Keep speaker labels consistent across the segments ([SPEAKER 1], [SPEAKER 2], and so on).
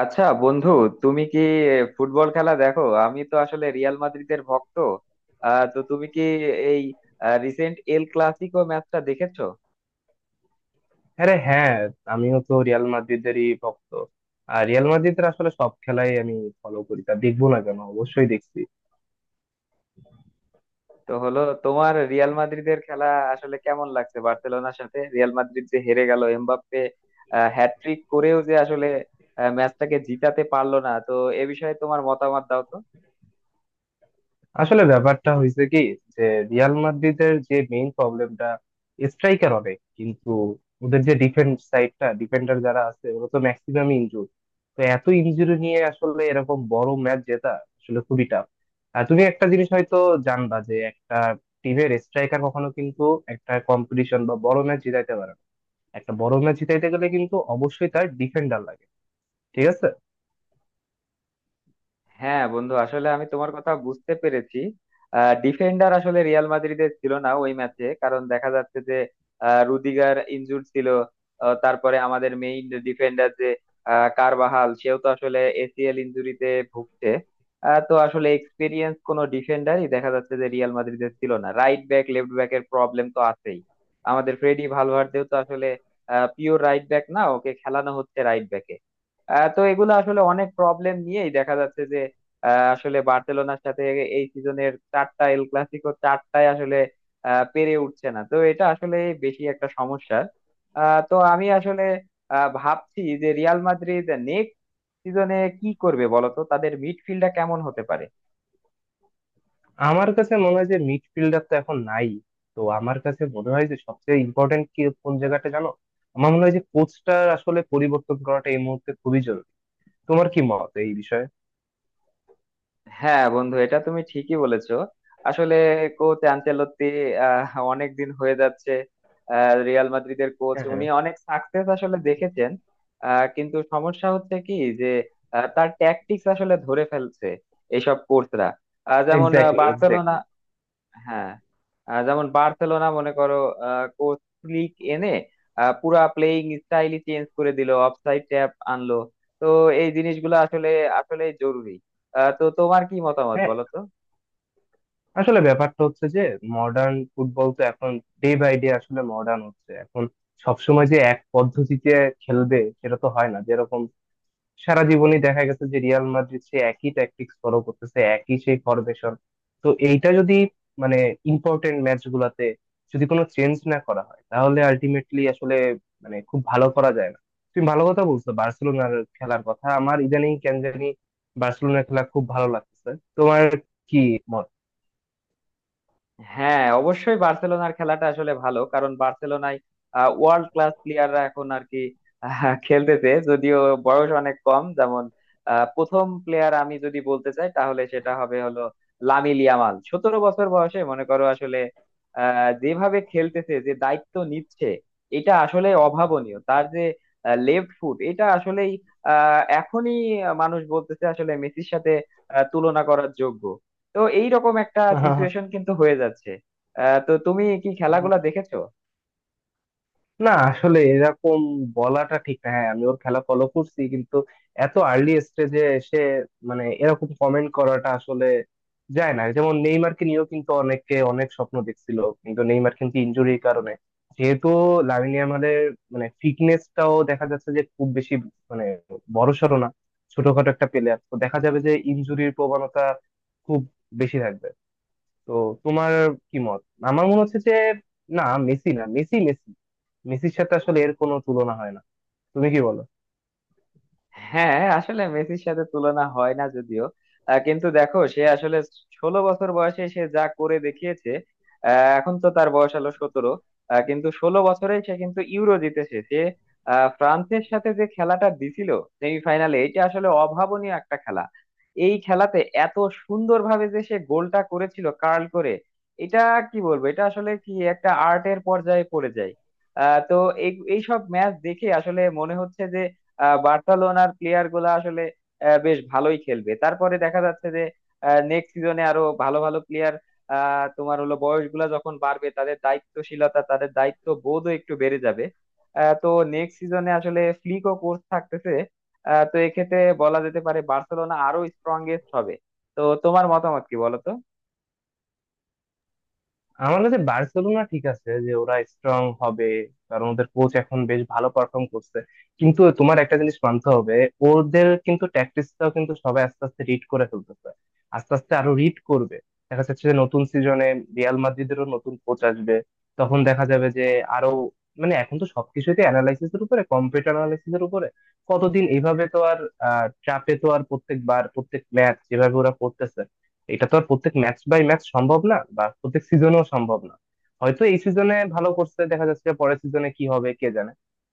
[SPEAKER 1] আচ্ছা বন্ধু, তুমি কি ফুটবল খেলা দেখো? আমি তো আসলে রিয়াল মাদ্রিদের ভক্ত। তো তুমি কি এই রিসেন্ট এল ক্লাসিকো ম্যাচটা দেখেছো?
[SPEAKER 2] আরে হ্যাঁ, আমিও তো রিয়াল মাদ্রিদেরই ভক্ত। আর রিয়াল মাদ্রিদের আসলে সব খেলাই আমি ফলো করি, তা দেখবো না কেন? অবশ্যই দেখছি।
[SPEAKER 1] তো হলো তোমার রিয়াল মাদ্রিদের খেলা আসলে কেমন লাগছে? বার্সেলোনার সাথে রিয়াল মাদ্রিদ যে হেরে গেল, এমবাপ্পে হ্যাটট্রিক করেও যে আসলে ম্যাচটাকে জিতাতে পারলো না, তো এ বিষয়ে তোমার মতামত দাও তো।
[SPEAKER 2] আসলে ব্যাপারটা হয়েছে কি, যে রিয়াল মাদ্রিদের যে মেইন প্রবলেমটা, স্ট্রাইকার অনেক কিন্তু ওদের যে ডিফেন্স সাইডটা, ডিফেন্ডার যারা আছে ওরা তো ম্যাক্সিমাম ইনজুর। তো এত ইনজুরি নিয়ে আসলে এরকম বড় ম্যাচ জেতা আসলে খুবই টাফ। আর তুমি একটা জিনিস হয়তো জানবা, যে একটা টিমের স্ট্রাইকার কখনো কিন্তু একটা কম্পিটিশন বা বড় ম্যাচ জেতাইতে পারে না। একটা বড় ম্যাচ জিতাইতে গেলে কিন্তু অবশ্যই তার ডিফেন্ডার লাগে, ঠিক আছে?
[SPEAKER 1] হ্যাঁ বন্ধু, আসলে আমি তোমার কথা বুঝতে পেরেছি। ডিফেন্ডার আসলে রিয়াল মাদ্রিদের ছিল না ওই ম্যাচে, কারণ দেখা যাচ্ছে যে রুদিগার ইনজুর ছিল। তারপরে আমাদের মেইন ডিফেন্ডার যে কারবাহাল, সেও তো আসলে এসিএল ইনজুরিতে ভুগছে। তো আসলে এক্সপিরিয়েন্স কোনো ডিফেন্ডারই দেখা যাচ্ছে যে রিয়াল মাদ্রিদের ছিল না। রাইট ব্যাক লেফট ব্যাক এর প্রবলেম তো আছেই। আমাদের ফ্রেডি ভালভার্দেও তো আসলে পিওর রাইট ব্যাক না, ওকে খেলানো হচ্ছে রাইট ব্যাক। তো এগুলো আসলে অনেক প্রবলেম নিয়েই দেখা যাচ্ছে যে আসলে বার্সেলোনার সাথে এই সিজনের চারটা এল ক্লাসিকো, চারটায় আসলে পেরে উঠছে না। তো এটা আসলে বেশি একটা সমস্যা। তো আমি আসলে ভাবছি যে রিয়াল মাদ্রিদ নেক্সট সিজনে কি করবে বলতো, তাদের মিডফিল্ডটা কেমন হতে পারে।
[SPEAKER 2] আমার কাছে মনে হয় যে মিডফিল্ডার তো এখন নাই। তো আমার কাছে মনে হয় যে সবচেয়ে ইম্পর্টেন্ট কি, কোন জায়গাটা জানো? আমার মনে হয় যে কোচটার আসলে পরিবর্তন করাটা এই মুহূর্তে খুবই জরুরি। তোমার কি মত এই বিষয়ে?
[SPEAKER 1] হ্যাঁ বন্ধু, এটা তুমি ঠিকই বলেছো। আসলে কোচ আনচেলত্তি অনেক দিন হয়ে যাচ্ছে রিয়াল মাদ্রিদের কোচ,
[SPEAKER 2] হ্যাঁ, হ্যাঁ।
[SPEAKER 1] উনি অনেক সাকসেস আসলে দেখেছেন। কিন্তু সমস্যা হচ্ছে কি যে তার ট্যাকটিক্স আসলে ধরে ফেলছে এইসব কোচরা। যেমন
[SPEAKER 2] এক্স্যাক্টলি,
[SPEAKER 1] বার্সেলোনা।
[SPEAKER 2] এক্স্যাক্টলি।
[SPEAKER 1] হ্যাঁ, যেমন বার্সেলোনা মনে করো, কোচ ফ্লিক এনে পুরা প্লেইং স্টাইলই চেঞ্জ করে দিল, অফসাইড ট্যাপ আনলো। তো এই জিনিসগুলো আসলে আসলে জরুরি। তো তোমার কি মতামত
[SPEAKER 2] হ্যাঁ,
[SPEAKER 1] বলো তো।
[SPEAKER 2] আসলে ব্যাপারটা হচ্ছে যে মডার্ন ফুটবল তো এখন ডে বাই ডে আসলে মডার্ন হচ্ছে এখন। সবসময় যে এক পদ্ধতিতে খেলবে সেটা তো হয় না। যেরকম সারা জীবনই দেখা গেছে যে রিয়াল মাদ্রিদ সে একই ট্যাকটিক্স ফলো করতেছে, একই সেই ফরমেশন। তো এইটা যদি, মানে ইম্পর্টেন্ট ম্যাচ গুলাতে যদি কোনো চেঞ্জ না করা হয়, তাহলে আলটিমেটলি আসলে, মানে খুব ভালো করা যায় না। তুমি ভালো কথা বলছো, বার্সেলোনার খেলার কথা। আমার ইদানিং কেন জানি বার্সেলোনার খেলা খুব ভালো লাগতেছে। তোমার কি মত?
[SPEAKER 1] হ্যাঁ, অবশ্যই বার্সেলোনার খেলাটা আসলে ভালো, কারণ বার্সেলোনায় ওয়ার্ল্ড ক্লাস প্লেয়াররা এখন আর কি খেলতেছে। যদিও বয়স অনেক কম। যেমন প্রথম প্লেয়ার আমি যদি বলতে চাই তাহলে সেটা হবে হলো লামিল ইয়ামাল। 17 বছর বয়সে মনে করো আসলে যেভাবে খেলতেছে, যে দায়িত্ব নিচ্ছে, এটা আসলে অভাবনীয়। তার যে লেফট ফুট, এটা আসলেই এখনই মানুষ বলতেছে আসলে মেসির সাথে তুলনা করার যোগ্য। তো এইরকম একটা সিচুয়েশন কিন্তু হয়ে যাচ্ছে। তো তুমি কি খেলাগুলা দেখেছো?
[SPEAKER 2] না, আসলে এরকম বলাটা ঠিক না। হ্যাঁ, আমি ওর খেলা ফলো করছি, কিন্তু এত আর্লি স্টেজে এসে, মানে এরকম কমেন্ট করাটা আসলে যায় না। যেমন নেইমারকে নিয়েও কিন্তু অনেকে অনেক স্বপ্ন দেখছিল, কিন্তু নেইমার কিন্তু ইনজুরির কারণে। যেহেতু লামিন ইয়ামালের, মানে ফিটনেসটাও দেখা যাচ্ছে যে খুব বেশি, মানে বড়সড় না, ছোটখাটো একটা প্লেয়ার, তো দেখা যাবে যে ইনজুরির প্রবণতা খুব বেশি থাকবে। তো তোমার কি মত? আমার মনে হচ্ছে যে না, মেসি না, মেসি মেসি মেসির সাথে আসলে এর কোনো তুলনা হয় না। তুমি কি বলো?
[SPEAKER 1] হ্যাঁ, আসলে মেসির সাথে তুলনা হয় না যদিও, কিন্তু দেখো সে আসলে 16 বছর বয়সে সে যা করে দেখিয়েছে। এখন তো তার বয়স হলো 17, কিন্তু 16 বছরে সে কিন্তু ইউরো জিতেছে। সে ফ্রান্সের সাথে যে খেলাটা দিছিল সেমিফাইনালে, এটা আসলে অভাবনীয় একটা খেলা। এই খেলাতে এত সুন্দরভাবে যে সে গোলটা করেছিল, কার্ল করে, এটা কি বলবো, এটা আসলে কি একটা আর্টের পর্যায়ে পড়ে যায়। তো এই এইসব ম্যাচ দেখে আসলে মনে হচ্ছে বার্সেলোনার প্লেয়ার গুলা আসলে বেশ ভালোই খেলবে। তারপরে দেখা যাচ্ছে যে নেক্সট সিজনে আরো ভালো ভালো প্লেয়ার তোমার হলো বয়স গুলা যখন বাড়বে তাদের দায়িত্বশীলতা, তাদের দায়িত্ব বোধও একটু বেড়ে যাবে। তো নেক্সট সিজনে আসলে ফ্লিকও কোর্স থাকতেছে। তো এক্ষেত্রে বলা যেতে পারে বার্সেলোনা আরো স্ট্রংগেস্ট হবে। তো তোমার মতামত কি বলো তো।
[SPEAKER 2] আমার কাছে বার্সেলোনা ঠিক আছে, যে ওরা স্ট্রং হবে, কারণ ওদের কোচ এখন বেশ ভালো পারফর্ম করছে। কিন্তু তোমার একটা জিনিস মানতে হবে, ওদের কিন্তু ট্যাকটিক্সটাও কিন্তু সবাই আস্তে আস্তে রিড করে ফেলতেছে, আস্তে আস্তে আরো রিড করবে। দেখা যাচ্ছে যে নতুন সিজনে রিয়াল মাদ্রিদেরও নতুন কোচ আসবে। তখন দেখা যাবে যে আরো, মানে এখন তো সবকিছুতে অ্যানালাইসিস এর উপরে, কম্পিউটার অ্যানালাইসিস এর উপরে, কতদিন এইভাবে তো আর ট্র্যাপে তো আর প্রত্যেকবার, প্রত্যেক ম্যাচ যেভাবে ওরা করতেছে, এটা তো আর প্রত্যেক ম্যাচ বাই ম্যাচ সম্ভব না, বা প্রত্যেক সিজনেও সম্ভব না। হয়তো এই সিজনে ভালো করছে, দেখা যাচ্ছে পরের সিজনে কি হবে কে জানে।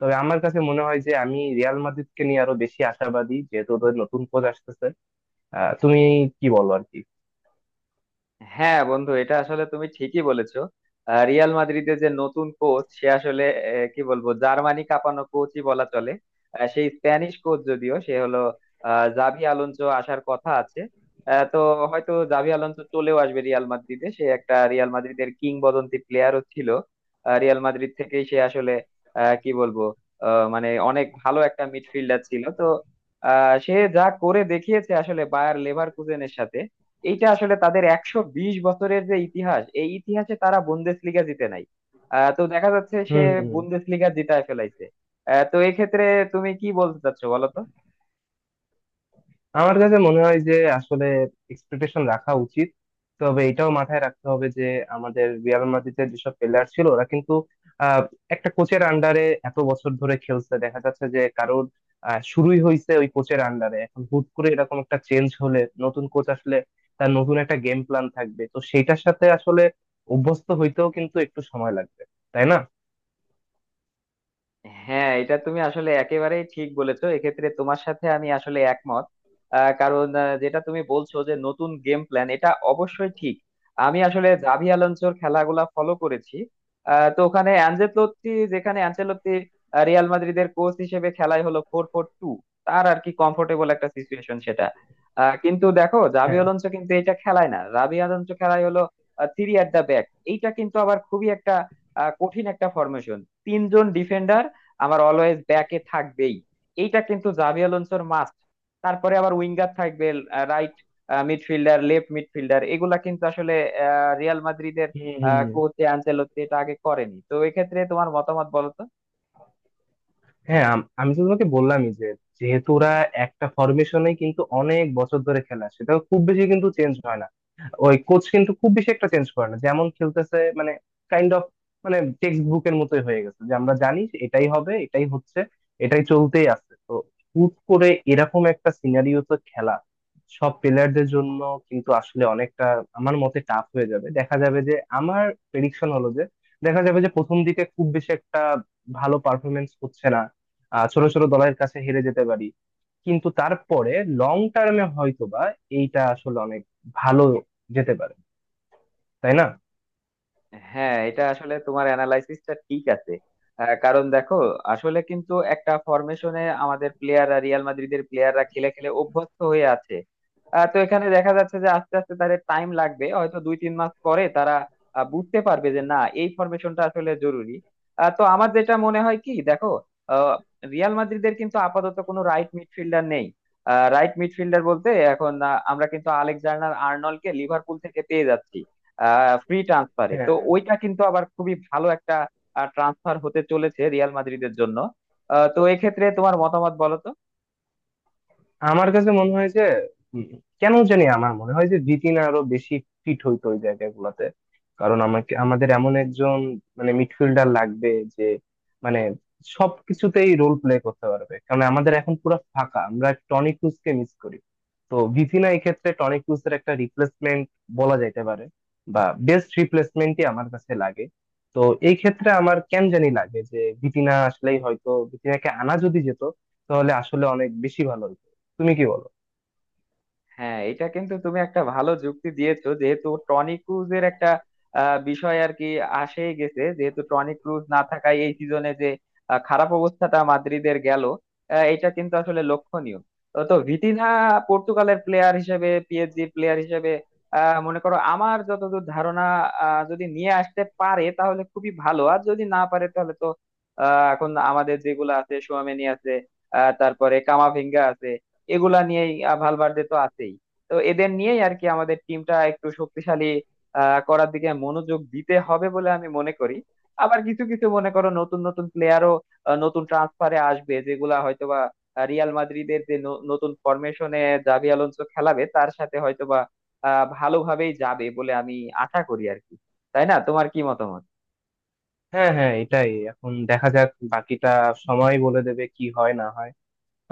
[SPEAKER 2] তবে আমার কাছে মনে হয় যে আমি রিয়াল মাদ্রিদকে নিয়ে আরো বেশি আশাবাদী, যেহেতু ওদের নতুন কোচ আসতেছে। তুমি কি বলো আর কি?
[SPEAKER 1] হ্যাঁ বন্ধু, এটা আসলে তুমি ঠিকই বলেছো। রিয়াল মাদ্রিদের যে নতুন কোচ, সে আসলে কি বলবো, জার্মানি কাঁপানো কোচই বলা চলে। সেই স্প্যানিশ কোচ, যদিও সে হলো জাভি আলোনসো, আসার কথা আছে। তো হয়তো জাভি আলোনসো চলেও আসবে রিয়াল মাদ্রিদে। সে একটা রিয়াল মাদ্রিদের কিংবদন্তি প্লেয়ারও ছিল। রিয়াল মাদ্রিদ থেকেই সে আসলে কি বলবো মানে অনেক ভালো একটা মিডফিল্ডার ছিল তো। সে যা করে দেখিয়েছে আসলে বায়ার লেভারকুজেনের সাথে, এইটা আসলে তাদের 120 বছরের যে ইতিহাস, এই ইতিহাসে তারা বুন্দেসলিগা জিতে নাই। তো দেখা যাচ্ছে সে
[SPEAKER 2] হম হম।
[SPEAKER 1] বুন্দেসলিগা জিতায় ফেলাইছে। তো এক্ষেত্রে তুমি কি বলতে চাচ্ছো বলো।
[SPEAKER 2] আমার কাছে মনে হয় যে আসলে এক্সপেকটেশন রাখা উচিত। তবে এটাও মাথায় রাখতে হবে যে আমাদের রিয়াল মাদ্রিদের যেসব প্লেয়ার ছিল ওরা কিন্তু আহ, একটা কোচের আন্ডারে এত বছর ধরে খেলছে, দেখা যাচ্ছে যে কারোর শুরুই হয়েছে ওই কোচের আন্ডারে। এখন হুট করে এরকম একটা চেঞ্জ হলে, নতুন কোচ আসলে তার নতুন একটা গেম প্ল্যান থাকবে, তো সেইটার সাথে আসলে অভ্যস্ত হইতেও কিন্তু একটু সময় লাগবে, তাই না?
[SPEAKER 1] হ্যাঁ, এটা তুমি আসলে একেবারেই ঠিক বলেছো। এক্ষেত্রে তোমার সাথে আমি আসলে একমত। কারণ যেটা তুমি বলছো যে নতুন গেম প্ল্যান, এটা অবশ্যই ঠিক। আমি আসলে জাভি আলোনসোর খেলাগুলা ফলো করেছি। তো ওখানে অ্যানচেলত্তি, যেখানে অ্যানচেলত্তি রিয়াল মাদ্রিদের কোচ হিসেবে খেলাই হলো 4-4-2, তার আর কি কমফোর্টেবল একটা সিচুয়েশন সেটা। কিন্তু দেখো জাভি
[SPEAKER 2] হ্যাঁ।
[SPEAKER 1] আলোনসো কিন্তু এটা খেলায় না, জাভি আলোনসো খেলায় হলো থ্রি অ্যাট দা ব্যাক। এইটা কিন্তু আবার খুবই একটা কঠিন একটা ফরমেশন। 3 জন ডিফেন্ডার আমার অলওয়েজ ব্যাকে থাকবেই, এইটা কিন্তু জাভি আলোনসোর মাস্ট। তারপরে আবার উইঙ্গার থাকবে, রাইট মিডফিল্ডার, লেফট মিডফিল্ডার, এগুলা কিন্তু আসলে রিয়াল মাদ্রিদের
[SPEAKER 2] হুম হুম।
[SPEAKER 1] কোচ আনচেলত্তি এটা আগে করেনি। তো এক্ষেত্রে তোমার মতামত বলো তো।
[SPEAKER 2] হ্যাঁ, আমি তো তোমাকে বললামই যে যেহেতু ওরা একটা ফরমেশনে কিন্তু অনেক বছর ধরে খেলা, সেটা খুব বেশি কিন্তু চেঞ্জ হয় না। ওই কোচ কিন্তু খুব বেশি একটা চেঞ্জ করে না, যেমন খেলতেছে, মানে কাইন্ড অফ, মানে টেক্সট বুকের মতোই হয়ে গেছে যে আমরা জানি যে এটাই হবে, এটাই হচ্ছে, এটাই চলতেই আছে। তো হুট করে এরকম একটা সিনারিওতে খেলা সব প্লেয়ারদের জন্য কিন্তু আসলে অনেকটা, আমার মতে টাফ হয়ে যাবে। দেখা যাবে যে আমার প্রেডিকশন হলো যে দেখা যাবে যে প্রথম দিকে খুব বেশি একটা ভালো পারফরমেন্স হচ্ছে না, ছোট ছোট দলের কাছে হেরে যেতে পারি। কিন্তু তারপরে লং টার্মে হয়তোবা এইটা আসলে অনেক ভালো যেতে পারে, তাই না?
[SPEAKER 1] হ্যাঁ, এটা আসলে তোমার অ্যানালাইসিসটা ঠিক আছে। কারণ দেখো আসলে কিন্তু একটা ফরমেশনে আমাদের প্লেয়াররা, রিয়াল মাদ্রিদের প্লেয়াররা খেলে খেলে অভ্যস্ত হয়ে আছে। তো এখানে দেখা যাচ্ছে যে আস্তে আস্তে তাদের টাইম লাগবে, হয়তো 2-3 মাস পরে তারা বুঝতে পারবে যে না, এই ফরমেশনটা আসলে জরুরি। তো আমার যেটা মনে হয় কি দেখো, আহ, রিয়াল মাদ্রিদের কিন্তু আপাতত কোনো রাইট মিডফিল্ডার নেই। রাইট মিডফিল্ডার বলতে এখন আমরা কিন্তু আলেকজান্ডার আর্নল্ডকে লিভারপুল থেকে পেয়ে যাচ্ছি ফ্রি ট্রান্সফারে। তো
[SPEAKER 2] হ্যাঁ।
[SPEAKER 1] ওইটা কিন্তু আবার খুবই ভালো একটা ট্রান্সফার হতে চলেছে রিয়াল মাদ্রিদের জন্য। তো এক্ষেত্রে তোমার মতামত বলো তো।
[SPEAKER 2] আমার কাছে মনে হয় যে উম, কেন জানি আমার মনে হয় যে জিতিন আরো বেশি ফিট হইতো ওই জায়গাগুলোতে। কারণ আমাকে, আমাদের এমন একজন মানে মিডফিল্ডার লাগবে, যে মানে সবকিছুতেই রোল প্লে করতে পারবে। কারণ আমাদের এখন পুরো ফাঁকা, আমরা টনি ক্রুজকে মিস করি। তো ভিতিনা এই ক্ষেত্রে টনি ক্রুজের একটা রিপ্লেসমেন্ট বলা যাইতে পারে, বা বেস্ট রিপ্লেসমেন্টই আমার কাছে লাগে। তো এই ক্ষেত্রে আমার কেন জানি লাগে যে ভিতিনা আসলেই, হয়তো ভিতিনাকে আনা যদি যেত তাহলে আসলে অনেক বেশি ভালো হতো। তুমি কি বলো?
[SPEAKER 1] হ্যাঁ, এটা কিন্তু তুমি একটা ভালো যুক্তি দিয়েছো, যেহেতু টনি ক্রুজের একটা বিষয় আর কি আসেই গেছে। যেহেতু টনি ক্রুজ না থাকায় এই সিজনে যে খারাপ অবস্থাটা মাদ্রিদের গেল, এটা কিন্তু আসলে লক্ষণীয়। তো তো ভিতিনা পর্তুগালের প্লেয়ার হিসেবে, পিএসজি প্লেয়ার হিসেবে মনে করো আমার যতদূর ধারণা যদি নিয়ে আসতে পারে তাহলে খুবই ভালো, আর যদি না পারে তাহলে তো এখন আমাদের যেগুলো আছে, সোয়ামেনি আছে, তারপরে কামাভিঙ্গা আছে, এগুলা নিয়েই ভালভার্দে তো আছেই। তো এদের নিয়েই আর কি আমাদের টিমটা একটু শক্তিশালী করার দিকে মনোযোগ দিতে হবে বলে আমি মনে করি। আবার কিছু কিছু মনে করো নতুন নতুন প্লেয়ারও নতুন ট্রান্সফারে আসবে, যেগুলা হয়তোবা রিয়াল মাদ্রিদের যে নতুন ফরমেশনে জাভি আলোনসো খেলাবে, তার সাথে হয়তোবা ভালোভাবেই যাবে বলে আমি আশা করি আর কি। তাই না? তোমার কি মতামত?
[SPEAKER 2] হ্যাঁ, হ্যাঁ, এটাই, এখন দেখা যাক, বাকিটা সময় বলে দেবে কি হয় না হয়।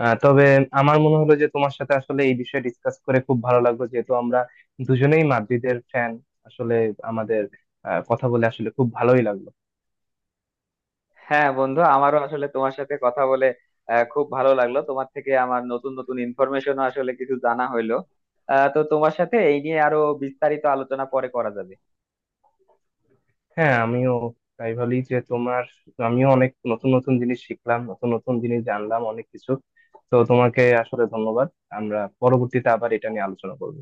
[SPEAKER 2] তবে আমার মনে হলো যে তোমার সাথে আসলে এই বিষয়ে ডিসকাস করে খুব ভালো লাগলো, যেহেতু আমরা দুজনেই মাদ্রিদের ফ্যান। আসলে আমাদের কথা বলে আসলে খুব ভালোই লাগলো।
[SPEAKER 1] হ্যাঁ বন্ধু, আমারও আসলে তোমার সাথে কথা বলে খুব ভালো লাগলো। তোমার থেকে আমার নতুন নতুন ইনফরমেশন আসলে কিছু জানা হইলো। তো তোমার সাথে এই নিয়ে আরো বিস্তারিত আলোচনা পরে করা যাবে।
[SPEAKER 2] হ্যাঁ, আমিও তাই বলি যে তোমার, আমিও অনেক নতুন নতুন জিনিস শিখলাম, নতুন নতুন জিনিস জানলাম অনেক কিছু। তো তোমাকে আসলে ধন্যবাদ। আমরা পরবর্তীতে আবার এটা নিয়ে আলোচনা করবো।